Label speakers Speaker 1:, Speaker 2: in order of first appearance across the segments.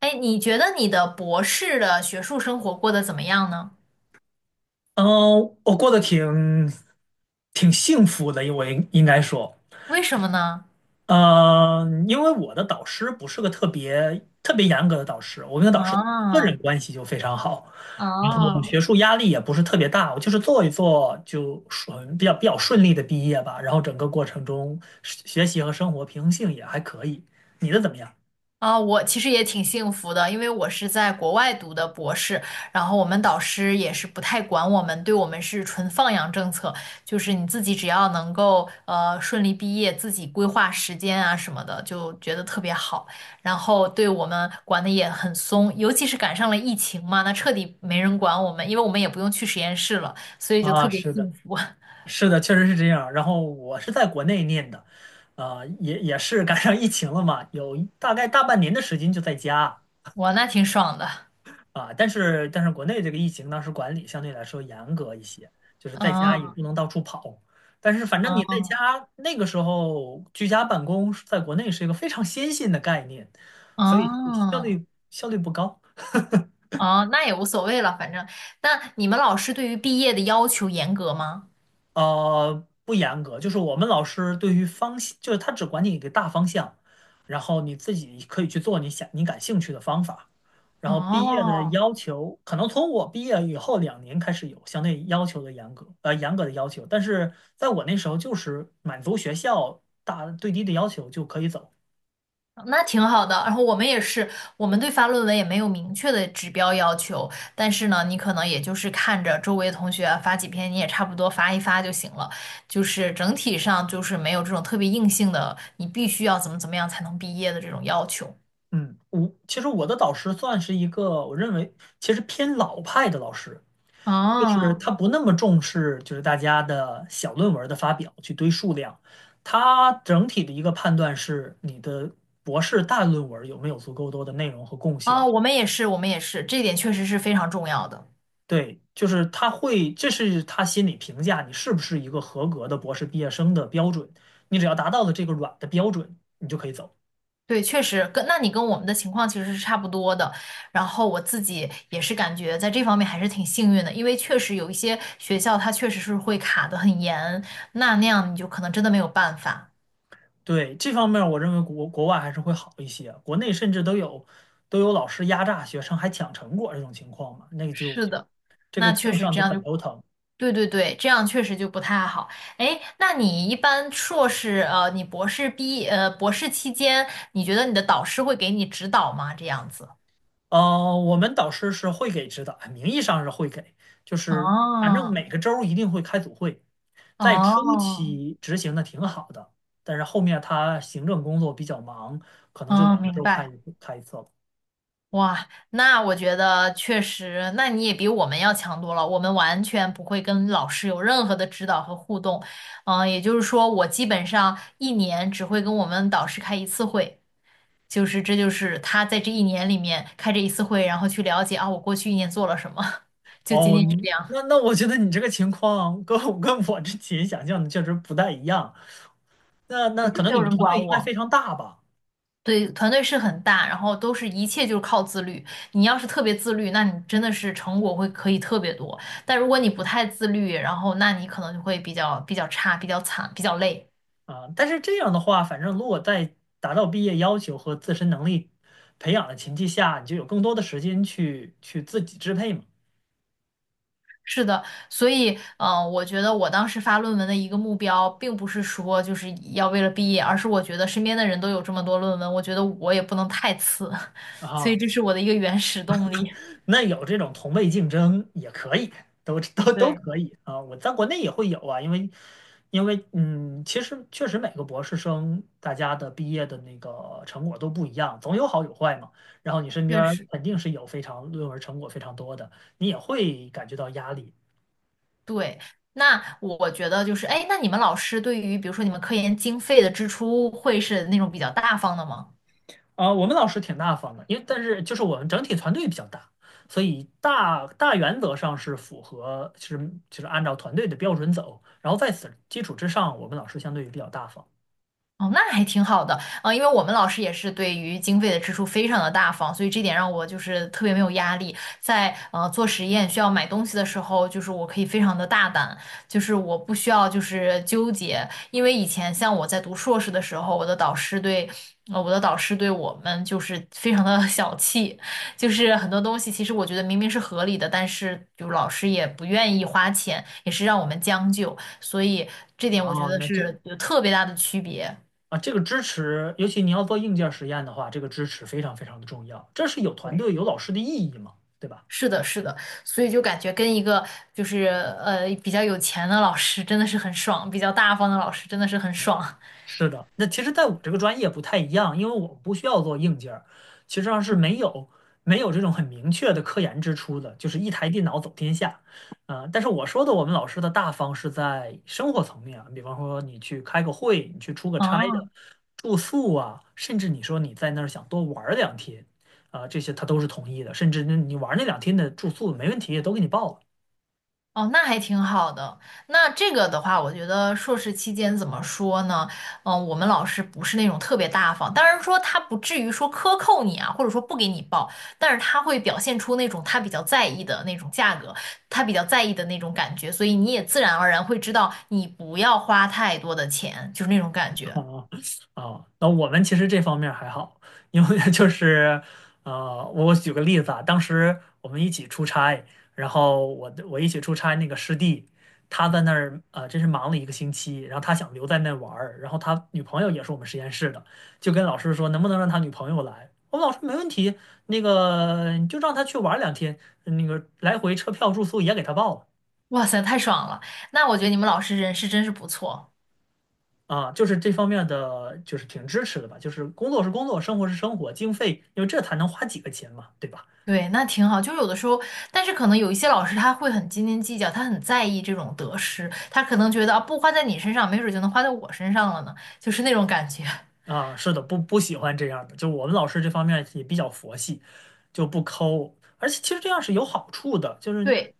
Speaker 1: 哎，你觉得你的博士的学术生活过得怎么样呢？
Speaker 2: 嗯，我过得挺幸福的，因为应该说，
Speaker 1: 为什么呢？
Speaker 2: 嗯，因为我的导师不是个特别特别严格的导师，我跟导师个人
Speaker 1: 啊
Speaker 2: 关系就非常好，然后
Speaker 1: 啊！
Speaker 2: 学术压力也不是特别大，我就是做一做就顺比较比较顺利的毕业吧，然后整个过程中学习和生活平衡性也还可以。你的怎么样？
Speaker 1: 啊，我其实也挺幸福的，因为我是在国外读的博士，然后我们导师也是不太管我们，对我们是纯放养政策，就是你自己只要能够顺利毕业，自己规划时间啊什么的，就觉得特别好。然后对我们管的也很松，尤其是赶上了疫情嘛，那彻底没人管我们，因为我们也不用去实验室了，所以就
Speaker 2: 啊，
Speaker 1: 特别
Speaker 2: 是的。
Speaker 1: 幸福，
Speaker 2: 是的，确实是这样。然后我是在国内念的，也是赶上疫情了嘛，有一大概大半年的时间就在家。
Speaker 1: 哇，那挺爽的。
Speaker 2: 但是国内这个疫情当时管理相对来说严格一些，就是在家也
Speaker 1: 嗯
Speaker 2: 不能到处跑。但是反正你在
Speaker 1: 嗯
Speaker 2: 家那个时候居家办公，在国内是一个非常先进的概念，所以
Speaker 1: 嗯。
Speaker 2: 效率不高。
Speaker 1: 哦，那也无所谓了，反正。那你们老师对于毕业的要求严格吗？
Speaker 2: 不严格，就是我们老师对于方向，就是他只管你一个大方向，然后你自己可以去做你你感兴趣的方法。然后毕业的
Speaker 1: 哦，
Speaker 2: 要求，可能从我毕业以后两年开始有相对要求的严格，严格的要求，但是在我那时候就是满足学校最低的要求就可以走。
Speaker 1: 那挺好的。然后我们也是，我们对发论文也没有明确的指标要求，但是呢，你可能也就是看着周围同学啊发几篇，你也差不多发一发就行了。就是整体上就是没有这种特别硬性的，你必须要怎么怎么样才能毕业的这种要求。
Speaker 2: 嗯，我其实我的导师算是一个，我认为其实偏老派的老师，就是
Speaker 1: 哦，
Speaker 2: 他不那么重视，就是大家的小论文的发表去堆数量，他整体的一个判断是你的博士大论文有没有足够多的内容和贡献。
Speaker 1: 哦，我们也是，我们也是，这点确实是非常重要的。
Speaker 2: 对，就是他会，这是他心里评价你是不是一个合格的博士毕业生的标准。你只要达到了这个软的标准，你就可以走。
Speaker 1: 对，确实跟你跟我们的情况其实是差不多的。然后我自己也是感觉在这方面还是挺幸运的，因为确实有一些学校它确实是会卡得很严，那那样你就可能真的没有办法。
Speaker 2: 对，这方面儿我认为国外还是会好一些，国内甚至都有老师压榨学生还抢成果这种情况嘛，那个就
Speaker 1: 是的，
Speaker 2: 这个
Speaker 1: 那确
Speaker 2: 更
Speaker 1: 实
Speaker 2: 上
Speaker 1: 这
Speaker 2: 就
Speaker 1: 样
Speaker 2: 很
Speaker 1: 就，
Speaker 2: 头疼。
Speaker 1: 对对对，这样确实就不太好。哎，那你一般硕士，你博士博士期间，你觉得你的导师会给你指导吗？这样子？
Speaker 2: 呃，我们导师是会给指导，名义上是会给，就是反正
Speaker 1: 哦
Speaker 2: 每个周儿一定会开组会，在初
Speaker 1: 哦
Speaker 2: 期执行的挺好的，但是后面他行政工作比较忙，可能就
Speaker 1: 哦，
Speaker 2: 两个
Speaker 1: 明
Speaker 2: 周儿
Speaker 1: 白。
Speaker 2: 开一次了。
Speaker 1: 哇，那我觉得确实，那你也比我们要强多了。我们完全不会跟老师有任何的指导和互动，嗯，也就是说，我基本上一年只会跟我们导师开一次会，就是这就是他在这一年里面开这一次会，然后去了解啊，我过去一年做了什么，就仅
Speaker 2: 哦，
Speaker 1: 仅是这样，
Speaker 2: 那我觉得你这个情况跟我之前想象的确实不太一样。那
Speaker 1: 对，就
Speaker 2: 可能
Speaker 1: 没
Speaker 2: 你
Speaker 1: 有
Speaker 2: 们
Speaker 1: 人
Speaker 2: 团队
Speaker 1: 管
Speaker 2: 应该非
Speaker 1: 我。
Speaker 2: 常大吧？
Speaker 1: 对，团队是很大，然后都是一切就是靠自律。你要是特别自律，那你真的是成果会可以特别多。但如果你不太自律，然后那你可能就会比较差、比较惨、比较累。
Speaker 2: 啊，但是这样的话，反正如果在达到毕业要求和自身能力培养的前提下，你就有更多的时间去自己支配嘛。
Speaker 1: 是的，所以，嗯、我觉得我当时发论文的一个目标，并不是说就是要为了毕业，而是我觉得身边的人都有这么多论文，我觉得我也不能太次，所以
Speaker 2: 啊，
Speaker 1: 这是我的一个原始动力。
Speaker 2: 那有这种同辈竞争也可以，都
Speaker 1: 对，
Speaker 2: 可以啊。我在国内也会有啊，因为嗯，其实确实每个博士生大家的毕业的那个成果都不一样，总有好有坏嘛。然后你身边
Speaker 1: 确
Speaker 2: 儿
Speaker 1: 实。
Speaker 2: 肯定是有非常论文成果非常多的，你也会感觉到压力。
Speaker 1: 对，那我觉得就是，哎，那你们老师对于比如说你们科研经费的支出会是那种比较大方的吗？
Speaker 2: 我们老师挺大方的，因为但是就是我们整体团队比较大，所以大原则上是符合，就是按照团队的标准走。然后在此基础之上，我们老师相对于比较大方。
Speaker 1: 哦，那还挺好的，啊、因为我们老师也是对于经费的支出非常的大方，所以这点让我就是特别没有压力。在做实验需要买东西的时候，就是我可以非常的大胆，就是我不需要就是纠结，因为以前像我在读硕士的时候，我的导师对。我的导师对我们就是非常的 小气，就是很多东西其实我觉得明明是合理的，但是就老师也不愿意花钱，也是让我们将就，所以这点
Speaker 2: 啊，
Speaker 1: 我觉得
Speaker 2: 那这
Speaker 1: 是有特别大的区别。
Speaker 2: 啊，这个支持，尤其你要做硬件实验的话，这个支持非常非常的重要，这是有团
Speaker 1: 对，
Speaker 2: 队有老师的意义嘛，对吧？
Speaker 1: 是的，是的，所以就感觉跟一个就是比较有钱的老师真的是很爽，比较大方的老师真的是很爽。
Speaker 2: 是的，那其实在我这个专业不太一样，因为我不需要做硬件儿，其实上是没有这种很明确的科研支出的，就是一台电脑走天下。但是我说的我们老师的大方是在生活层面啊，比方说你去开个会，你去出个差的
Speaker 1: 哦
Speaker 2: 住宿啊，甚至你说你在那儿想多玩儿两天，这些他都是同意的，甚至你玩儿那两天的住宿没问题，也都给你报了。
Speaker 1: 哦，那还挺好的。那这个的话，我觉得硕士期间怎么说呢？嗯、我们老师不是那种特别大方，当然说他不至于说克扣你啊，或者说不给你报，但是他会表现出那种他比较在意的那种价格，他比较在意的那种感觉，所以你也自然而然会知道你不要花太多的钱，就是那种感 觉。
Speaker 2: 哦哦，那我们其实这方面还好，因为 就是我举个例子啊，当时我们一起出差，然后我一起出差那个师弟，他在那儿真是忙了一个星期，然后他想留在那玩儿，然后他女朋友也是我们实验室的，就跟老师说能不能让他女朋友来，我们老师没问题，那个你就让他去玩儿两天，那个来回车票住宿也给他报了。
Speaker 1: 哇塞，太爽了！那我觉得你们老师人是真是不错，
Speaker 2: 啊，就是这方面的就是挺支持的吧，就是工作是工作，生活是生活，经费，因为这才能花几个钱嘛，对吧？
Speaker 1: 对，那挺好。就有的时候，但是可能有一些老师他会很斤斤计较，他很在意这种得失，他可能觉得啊，不花在你身上，没准儿就能花在我身上了呢，就是那种感觉。
Speaker 2: 啊，是的，不喜欢这样的，就我们老师这方面也比较佛系，就不抠，而且其实这样是有好处的，就是
Speaker 1: 对，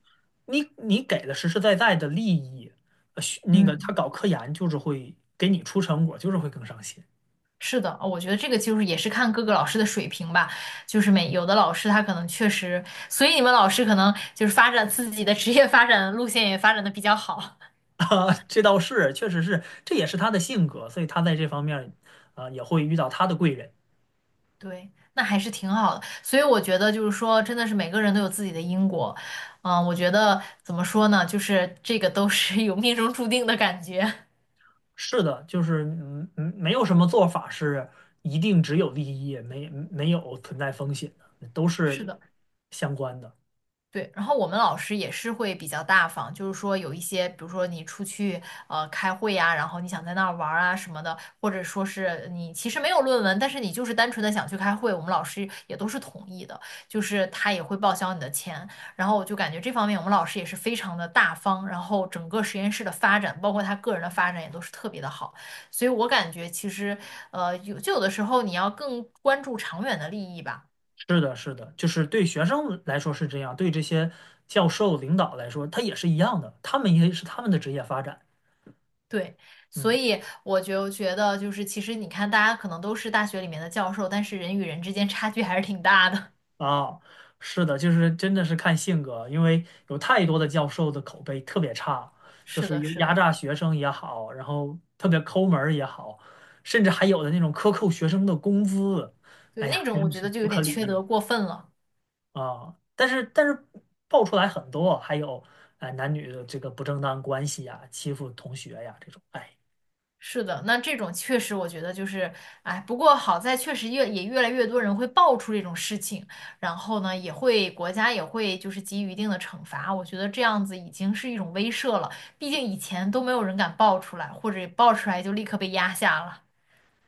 Speaker 2: 你给的实实在在的利益，呃学那个他
Speaker 1: 嗯，
Speaker 2: 搞科研就是会给你出成果，就是会更上心。
Speaker 1: 是的，哦我觉得这个就是也是看各个老师的水平吧，就是每有的老师他可能确实，所以你们老师可能就是发展自己的职业发展路线也发展的比较好。
Speaker 2: 啊，这倒是，确实是，这也是他的性格，所以他在这方面，啊，也会遇到他的贵人。
Speaker 1: 对，那还是挺好的。所以我觉得就是说，真的是每个人都有自己的因果。嗯，我觉得怎么说呢，就是这个都是有命中注定的感觉。
Speaker 2: 是的，就是嗯嗯，没有什么做法是一定只有利益，没有存在风险的，都
Speaker 1: 是
Speaker 2: 是
Speaker 1: 的。
Speaker 2: 相关的。
Speaker 1: 对，然后我们老师也是会比较大方，就是说有一些，比如说你出去开会呀、然后你想在那儿玩儿啊什么的，或者说是你其实没有论文，但是你就是单纯的想去开会，我们老师也都是同意的，就是他也会报销你的钱。然后我就感觉这方面我们老师也是非常的大方，然后整个实验室的发展，包括他个人的发展也都是特别的好，所以我感觉其实有就有的时候你要更关注长远的利益吧。
Speaker 2: 是的，是的，就是对学生来说是这样，对这些教授领导来说，他也是一样的，他们也是他们的职业发展。
Speaker 1: 对，所
Speaker 2: 嗯。
Speaker 1: 以我就觉得，就是其实你看，大家可能都是大学里面的教授，但是人与人之间差距还是挺大的。
Speaker 2: 啊，是的，就是真的是看性格，因为有太多的教授的口碑特别差，就
Speaker 1: 是
Speaker 2: 是
Speaker 1: 的，
Speaker 2: 有
Speaker 1: 是
Speaker 2: 压
Speaker 1: 的，
Speaker 2: 榨学生也好，然后特别抠门儿也好，甚至还有的那种克扣学生的工资，
Speaker 1: 对，
Speaker 2: 哎呀，
Speaker 1: 那种
Speaker 2: 真
Speaker 1: 我
Speaker 2: 的
Speaker 1: 觉得
Speaker 2: 是
Speaker 1: 就
Speaker 2: 不
Speaker 1: 有
Speaker 2: 可
Speaker 1: 点
Speaker 2: 理
Speaker 1: 缺
Speaker 2: 喻
Speaker 1: 德过分了。
Speaker 2: 啊！但是爆出来很多，还有哎男女的这个不正当关系呀、欺负同学呀、这种，哎，
Speaker 1: 是的，那这种确实我觉得就是，哎，不过好在确实越也越来越多人会爆出这种事情，然后呢，也会国家也会就是给予一定的惩罚。我觉得这样子已经是一种威慑了，毕竟以前都没有人敢爆出来，或者爆出来就立刻被压下了。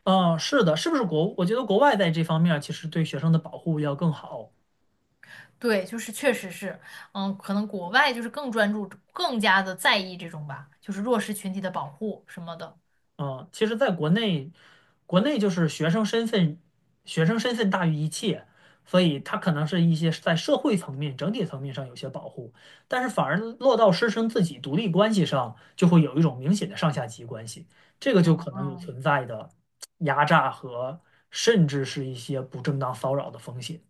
Speaker 2: 嗯，是的，是不是国？我觉得国外在这方面儿其实对学生的保护要更好。
Speaker 1: 对，就是确实是，嗯，可能国外就是更专注、更加的在意这种吧，就是弱势群体的保护什么的。
Speaker 2: 嗯，其实在国内，就是学生身份，学生身份大于一切，所以他可能是一些在社会层面、整体层面上有些保护，但是反而落到师生自己独立关系上，就会有一种明显的上下级关系，这个
Speaker 1: 嗯
Speaker 2: 就可能有
Speaker 1: 嗯，
Speaker 2: 存在的压榨和甚至是一些不正当骚扰的风险。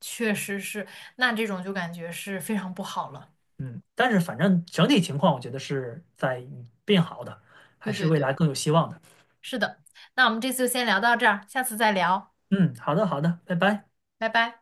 Speaker 1: 确实是，那这种就感觉是非常不好了。
Speaker 2: 嗯，但是反正整体情况，我觉得是在变好的，还
Speaker 1: 对
Speaker 2: 是
Speaker 1: 对
Speaker 2: 未来
Speaker 1: 对，
Speaker 2: 更有希望的。
Speaker 1: 是的。那我们这次就先聊到这儿，下次再聊，
Speaker 2: 嗯，好的，好的，拜拜。
Speaker 1: 拜拜。